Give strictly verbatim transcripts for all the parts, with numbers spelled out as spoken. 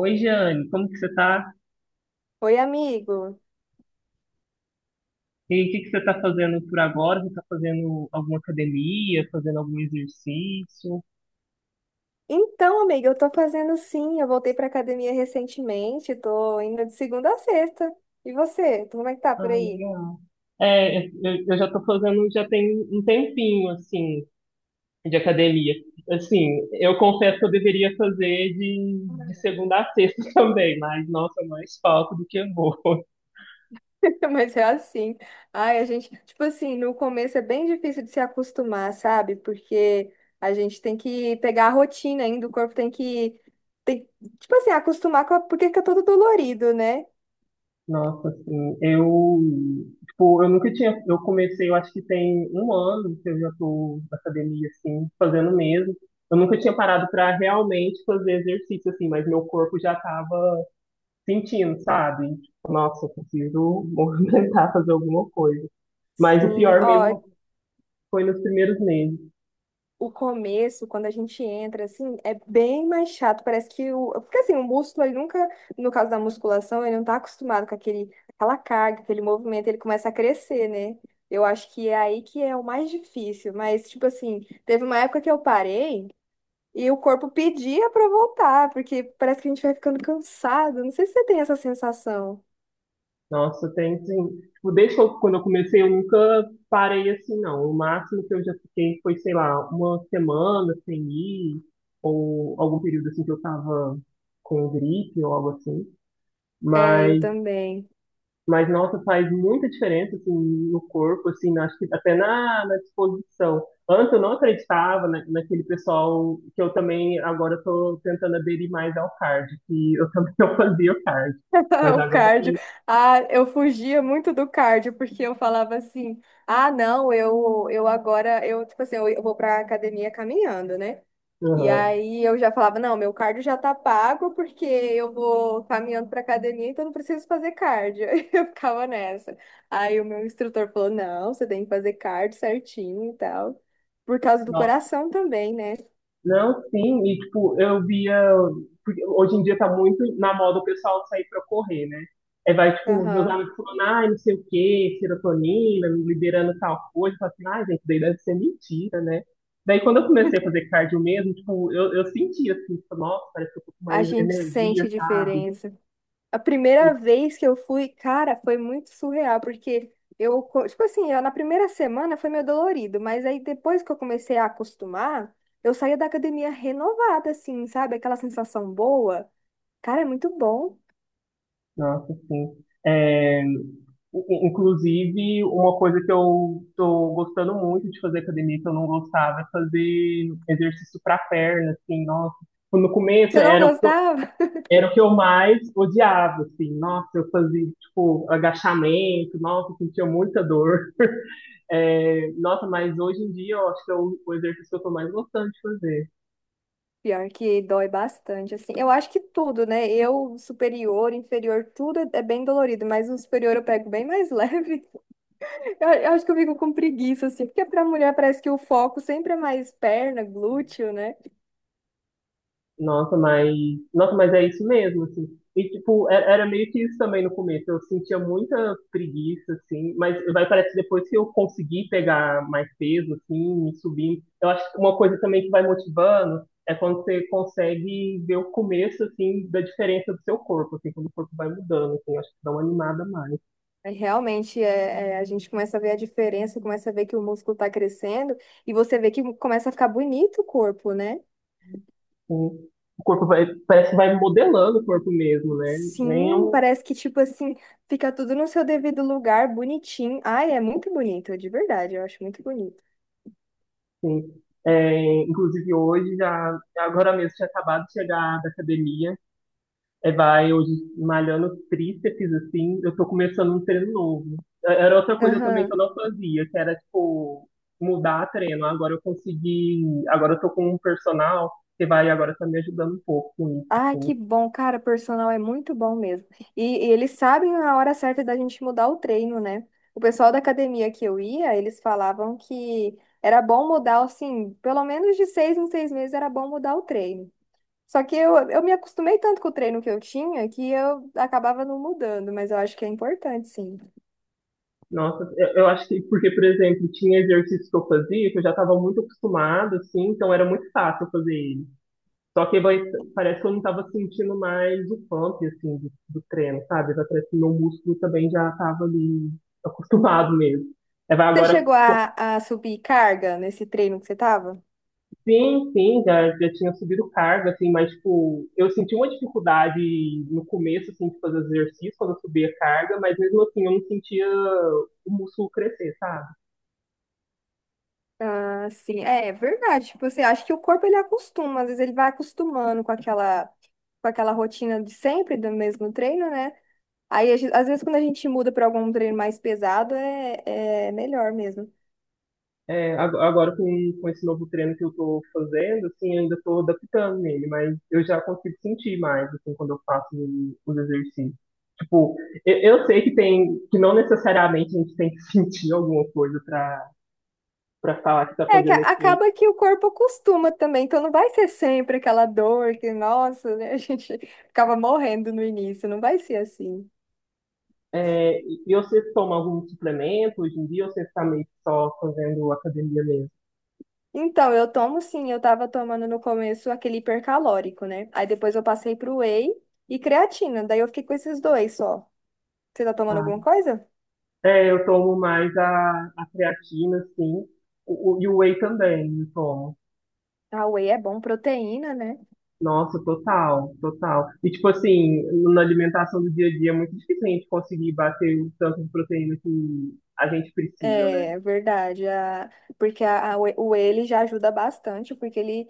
Oi, Jane, como que você tá? Oi, amigo. E o que que você tá fazendo por agora? Você tá fazendo alguma academia, fazendo algum exercício? Então, amiga, eu tô fazendo sim. Eu voltei pra academia recentemente, tô indo de segunda a sexta. E você? Tu- Como é que tá por Ah, aí? legal. É, eu, eu já tô fazendo, já tem um tempinho, assim, de academia. Assim, eu confesso que eu deveria fazer de, de segunda a sexta também, mas, nossa, é mais falta do que eu vou. Mas é assim. Ai, a gente, tipo assim, no começo é bem difícil de se acostumar, sabe? Porque a gente tem que pegar a rotina ainda, o corpo tem que, tem, tipo assim, acostumar com a, porque fica todo dolorido, né? Nossa, assim, eu, tipo, eu nunca tinha, eu comecei, eu acho que tem um ano que eu já tô na academia, assim, fazendo mesmo. Eu nunca tinha parado para realmente fazer exercício, assim, mas meu corpo já tava sentindo, sabe? Tipo, nossa, eu preciso movimentar, fazer alguma coisa. Mas o Sim, pior ó, mesmo foi nos primeiros meses. o começo, quando a gente entra, assim, é bem mais chato. Parece que o. Porque assim, o músculo, ele nunca, no caso da musculação, ele não tá acostumado com aquele, aquela carga, aquele movimento, ele começa a crescer, né? Eu acho que é aí que é o mais difícil. Mas, tipo assim, teve uma época que eu parei e o corpo pedia pra voltar, porque parece que a gente vai ficando cansado. Não sei se você tem essa sensação. Nossa, tem sim. Tipo, desde que eu- quando eu comecei, eu nunca parei assim, não. O máximo que eu já fiquei foi, sei lá, uma semana sem ir, ou algum período assim que eu tava com gripe ou algo assim. É, eu Mas, também. mas nossa, faz muita diferença assim, no corpo, assim, acho que até na, na disposição. Antes eu não acreditava na, naquele pessoal que eu também agora estou tentando aderir mais ao cardio, que eu também não fazia o cardio. Mas O agora eu cardio. tô- Ah, eu fugia muito do cardio, porque eu falava assim: ah, não, eu, eu agora, eu, tipo assim, eu, eu vou pra academia caminhando, né? E Aham. aí eu já falava: não, meu cardio já tá pago, porque eu vou caminhando pra academia, então não preciso fazer cardio. Eu ficava nessa. Aí o meu instrutor falou: não, você tem que fazer cardio certinho e tal, por causa do coração também, né? Não, sim, e tipo, eu via. Porque hoje em dia tá muito na moda o pessoal sair pra correr, né? Aí vai, tipo, os meus Aham. amigos falando, ai, não sei o quê, serotonina, liberando tal coisa. Eu falo assim, ai, gente, daí deve ser mentira, né? Daí quando eu comecei a fazer cardio mesmo, tipo, eu, eu senti assim, tipo, nossa, parece que eu tô com A mais gente energia, sente sabe? diferença. A primeira vez que eu fui, cara, foi muito surreal, porque eu, co- tipo assim, eu- na primeira semana foi meio dolorido, mas aí depois que eu comecei a acostumar, eu saía da academia renovada, assim, sabe? Aquela sensação boa. Cara, é muito bom. Nossa, sim. É, in- inclusive, uma coisa que eu tô gostando muito de fazer academia, que eu não gostava, é fazer exercício para perna, assim, nossa. No começo Você não era o que eu, gostava? era o que eu mais odiava, assim, nossa, eu fazia, tipo, agachamento, nossa, eu sentia muita dor. É, nossa, mas hoje em dia eu acho que é o, o exercício que eu tô mais gostando de fazer. Pior que dói bastante, assim. Eu acho que tudo, né? Eu, superior, inferior, tudo é é bem dolorido, mas o superior eu pego bem mais leve. Eu, eu acho que eu fico com preguiça, assim, porque pra mulher parece que o foco sempre é mais perna, glúteo, né? Nossa, mas, nossa, mas é isso mesmo, assim. E, tipo, era, era meio que isso também no começo. Eu sentia muita preguiça, assim, mas vai parece que depois que eu consegui pegar mais peso, assim, me subindo. Eu acho que uma coisa também que vai motivando é quando você consegue ver o começo, assim, da diferença do seu corpo, assim, quando o corpo vai mudando, assim, eu acho que dá uma animada a mais, assim. É, realmente, é, é, a gente começa a ver a diferença, começa a ver que o músculo está crescendo e você vê que começa a ficar bonito o corpo, né? O corpo vai, parece que vai modelando o corpo mesmo, né? Nem é Sim, um. parece que, tipo assim, fica tudo no seu devido lugar, bonitinho. Ai, é muito bonito, de verdade, eu acho muito bonito. Sim. É, inclusive hoje, já, agora mesmo, tinha acabado de chegar da academia, é, vai hoje malhando tríceps, assim, eu tô começando um treino novo. É, era outra coisa também que Aham. eu não fazia, que era, tipo, mudar treino. Agora eu consegui, agora eu tô com um personal que vai agora tá me ajudando um pouco com isso, Ai, que assim. bom, cara, personal é muito bom mesmo. E, e eles sabem a hora certa da gente mudar o treino, né? O pessoal da academia que eu ia, eles falavam que era bom mudar, assim, pelo menos de seis em seis meses era bom mudar o treino. Só que eu, eu me acostumei tanto com o treino que eu tinha que eu acabava não mudando, mas eu acho que é importante, sim. Nossa, eu, eu acho que, porque, por exemplo, tinha exercícios que eu fazia, que eu já estava muito acostumado, assim, então era muito fácil eu fazer. Só que vai, parece que eu não tava sentindo mais o pump, assim, do, do treino, sabe? Vai parece que meu músculo também já tava ali acostumado mesmo. Aí vai Você agora, chegou pô, a, a subir carga nesse treino que você tava? sim, sim, já, já tinha subido carga, assim, mas, tipo, eu senti uma dificuldade no começo, assim, de fazer os exercícios quando eu subia a carga, mas mesmo assim eu não sentia o músculo crescer, sabe? Ah, sim, é verdade. Tipo assim, acho que o corpo ele acostuma, às vezes ele vai acostumando com aquela, com aquela rotina de sempre, do mesmo treino, né? Aí, a gen- às vezes, quando a gente muda para algum treino mais pesado, é, é melhor mesmo. É, ag- agora com, com esse novo treino que eu tô fazendo, assim, eu ainda tô adaptando nele, mas eu já consigo sentir mais, assim, quando eu faço os exercícios. Tipo, eu, eu sei que tem, que não necessariamente a gente tem que sentir alguma coisa pra, pra falar que tá É que a- fazendo efeito. acaba que o corpo acostuma também, então não vai ser sempre aquela dor que, nossa, né, a gente ficava morrendo no início, não vai ser assim. É, e e você toma algum suplemento hoje em dia ou você está meio que só fazendo academia mesmo? Então, eu tomo sim, eu tava tomando no começo aquele hipercalórico, né? Aí depois eu passei pro whey e creatina, daí eu fiquei com esses dois só. Você tá tomando Ah, alguma coisa? é, eu tomo mais a, a creatina, sim, o, o- e o whey também, eu tomo. Ah, whey é bom, proteína, né? Nossa, total, total. E tipo assim, na alimentação do dia a dia é muito difícil a gente conseguir bater o tanto de proteína que a gente precisa, né? É verdade, a- porque a- a- o ele já ajuda bastante, porque ele,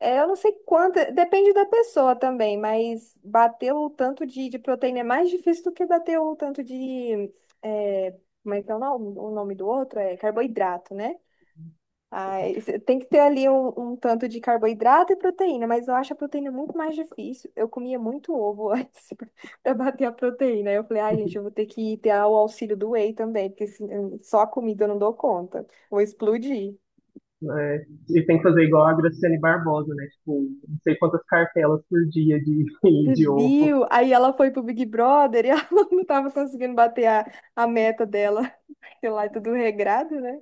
é, eu não sei quanto, depende da pessoa também, mas bater o tanto de, de proteína é mais difícil do que bater o tanto de, é, como é que é o nome, o nome do outro? É carboidrato, né? Ai, cê tem que ter ali um, um tanto de carboidrato e proteína, mas eu acho a proteína muito mais difícil. Eu comia muito ovo antes para bater a proteína. Aí eu falei, ai, gente, eu vou ter que ter o auxílio do whey também, porque se- hum, só a comida eu não dou conta. Vou explodir. É, e tem que fazer igual a Graciane Barbosa, né? Tipo, não sei quantas cartelas por dia de, Você de ovo. viu? Aí ela foi pro Big Brother e ela não tava conseguindo bater a, a meta dela, sei lá, é tudo regrado, né?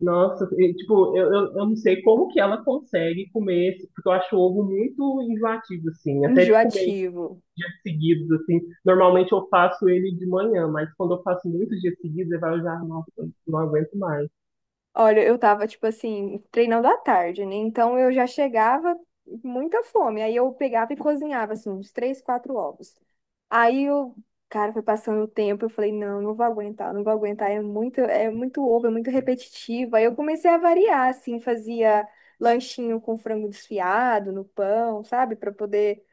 Nossa, e, tipo, eu, eu, eu não sei como que ela consegue comer esse, porque eu acho o ovo muito enjoativo, assim, até de comer Enjoativo. dias seguidos, assim. Normalmente eu faço ele de manhã, mas quando eu faço muitos dias seguidos, eu falo já, nossa, não aguento mais. Olha, eu tava, tipo assim, treinando à tarde, né? Então eu já chegava com muita fome. Aí eu pegava e cozinhava, assim, uns três, quatro ovos. Aí o cara foi passando o tempo, eu falei, não, não vou aguentar, não vou aguentar, é muito, é muito ovo, é muito repetitivo. Aí eu comecei a variar, assim, fazia lanchinho com frango desfiado no pão, sabe? Pra poder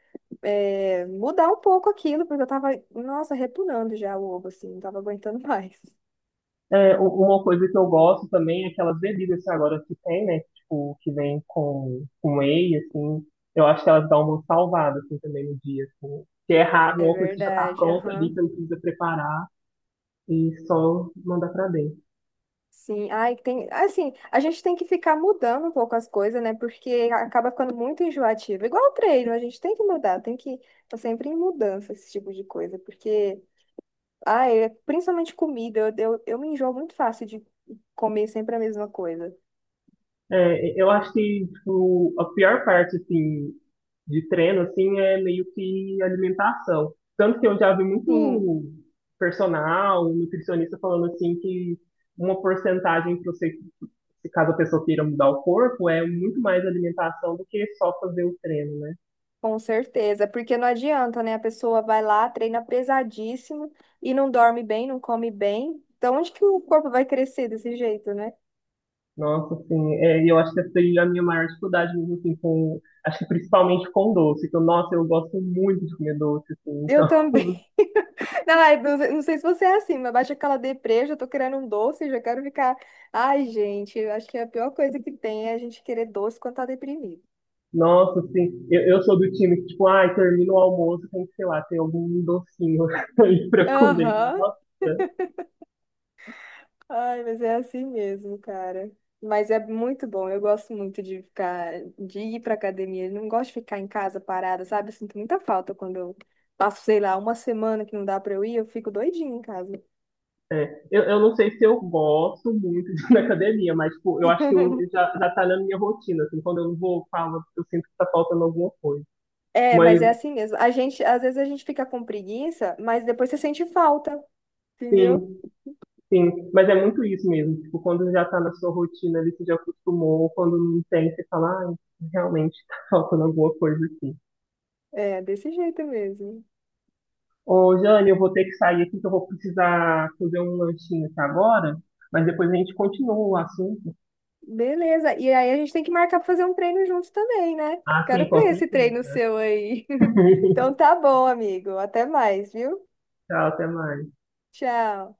é, mudar um pouco aquilo, porque eu tava, nossa, repunando já o ovo, assim, não tava aguentando mais. É, u- uma coisa que eu gosto também é aquelas bebidas que agora que tem, né, tipo, que vem com, com whey, assim, eu acho que elas dão uma salvada, assim, também no dia, assim. Que é raro, é É uma coisa que já tá verdade, pronta ali, que aham. não precisa preparar e só mandar pra dentro. Sim, ai, tem, assim, a gente tem que ficar mudando um pouco as coisas, né? Porque acaba ficando muito enjoativo. Igual o treino, a gente tem que mudar, tem que tá sempre em mudança esse tipo de coisa, porque ai, é, principalmente comida, eu, eu, eu me enjoo muito fácil de comer sempre a mesma coisa. É, eu acho que tipo, a pior parte assim, de treino assim, é meio que alimentação. Tanto que eu já vi Sim, muito personal, nutricionista falando assim que uma porcentagem para você, se caso a pessoa queira mudar o corpo, é muito mais alimentação do que só fazer o treino, né? com certeza, porque não adianta, né? A pessoa vai lá, treina pesadíssimo e não dorme bem, não come bem. Então, onde que o corpo vai crescer desse jeito, né? Nossa, assim, é, eu acho que essa foi a minha maior dificuldade mesmo, assim, com, acho que principalmente com doce, que eu, nossa, eu gosto muito de comer doce, assim, Eu então também. Não, é- não sei não sei se você é assim, mas baixa aquela deprê, já tô querendo um doce, já quero ficar. Ai, gente, eu acho que a pior coisa que tem é a gente querer doce quando tá deprimido. Nossa, sim. Eu, eu sou do time que, tipo, ai, termina o almoço, tem que, sei lá, ter algum docinho aí pra comer. Aham. Nossa. Ai, mas é assim mesmo, cara. Mas é muito bom. Eu gosto muito de ficar, de ir pra academia. Eu não gosto de ficar em casa parada, sabe? Eu sinto muita falta quando eu passo, sei lá, uma semana que não dá pra eu ir, eu fico doidinha em casa. É. Eu, eu não sei se eu gosto muito de ir na academia, mas, tipo, eu acho que eu, já, já tá na minha rotina, assim, quando eu não vou, falo, eu sinto que tá faltando alguma coisa. É, Mas, mas é assim mesmo. A gente, às vezes a gente fica com preguiça, mas depois você sente falta, entendeu? sim, sim. Mas é muito isso mesmo, tipo, quando já tá na sua rotina, ali, você já acostumou, quando não tem, você fala, ai, realmente tá faltando alguma coisa aqui. É, desse jeito mesmo. Ô, Jane, eu vou ter que sair aqui que eu vou precisar fazer um lanchinho aqui agora, mas depois a gente continua o assunto. Beleza. E aí a gente tem que marcar pra fazer um treino junto também, né? Ah, sim, Quero com ver esse treino certeza. seu aí. Então tá bom, amigo. Até mais, viu? Tchau, até mais. Tchau.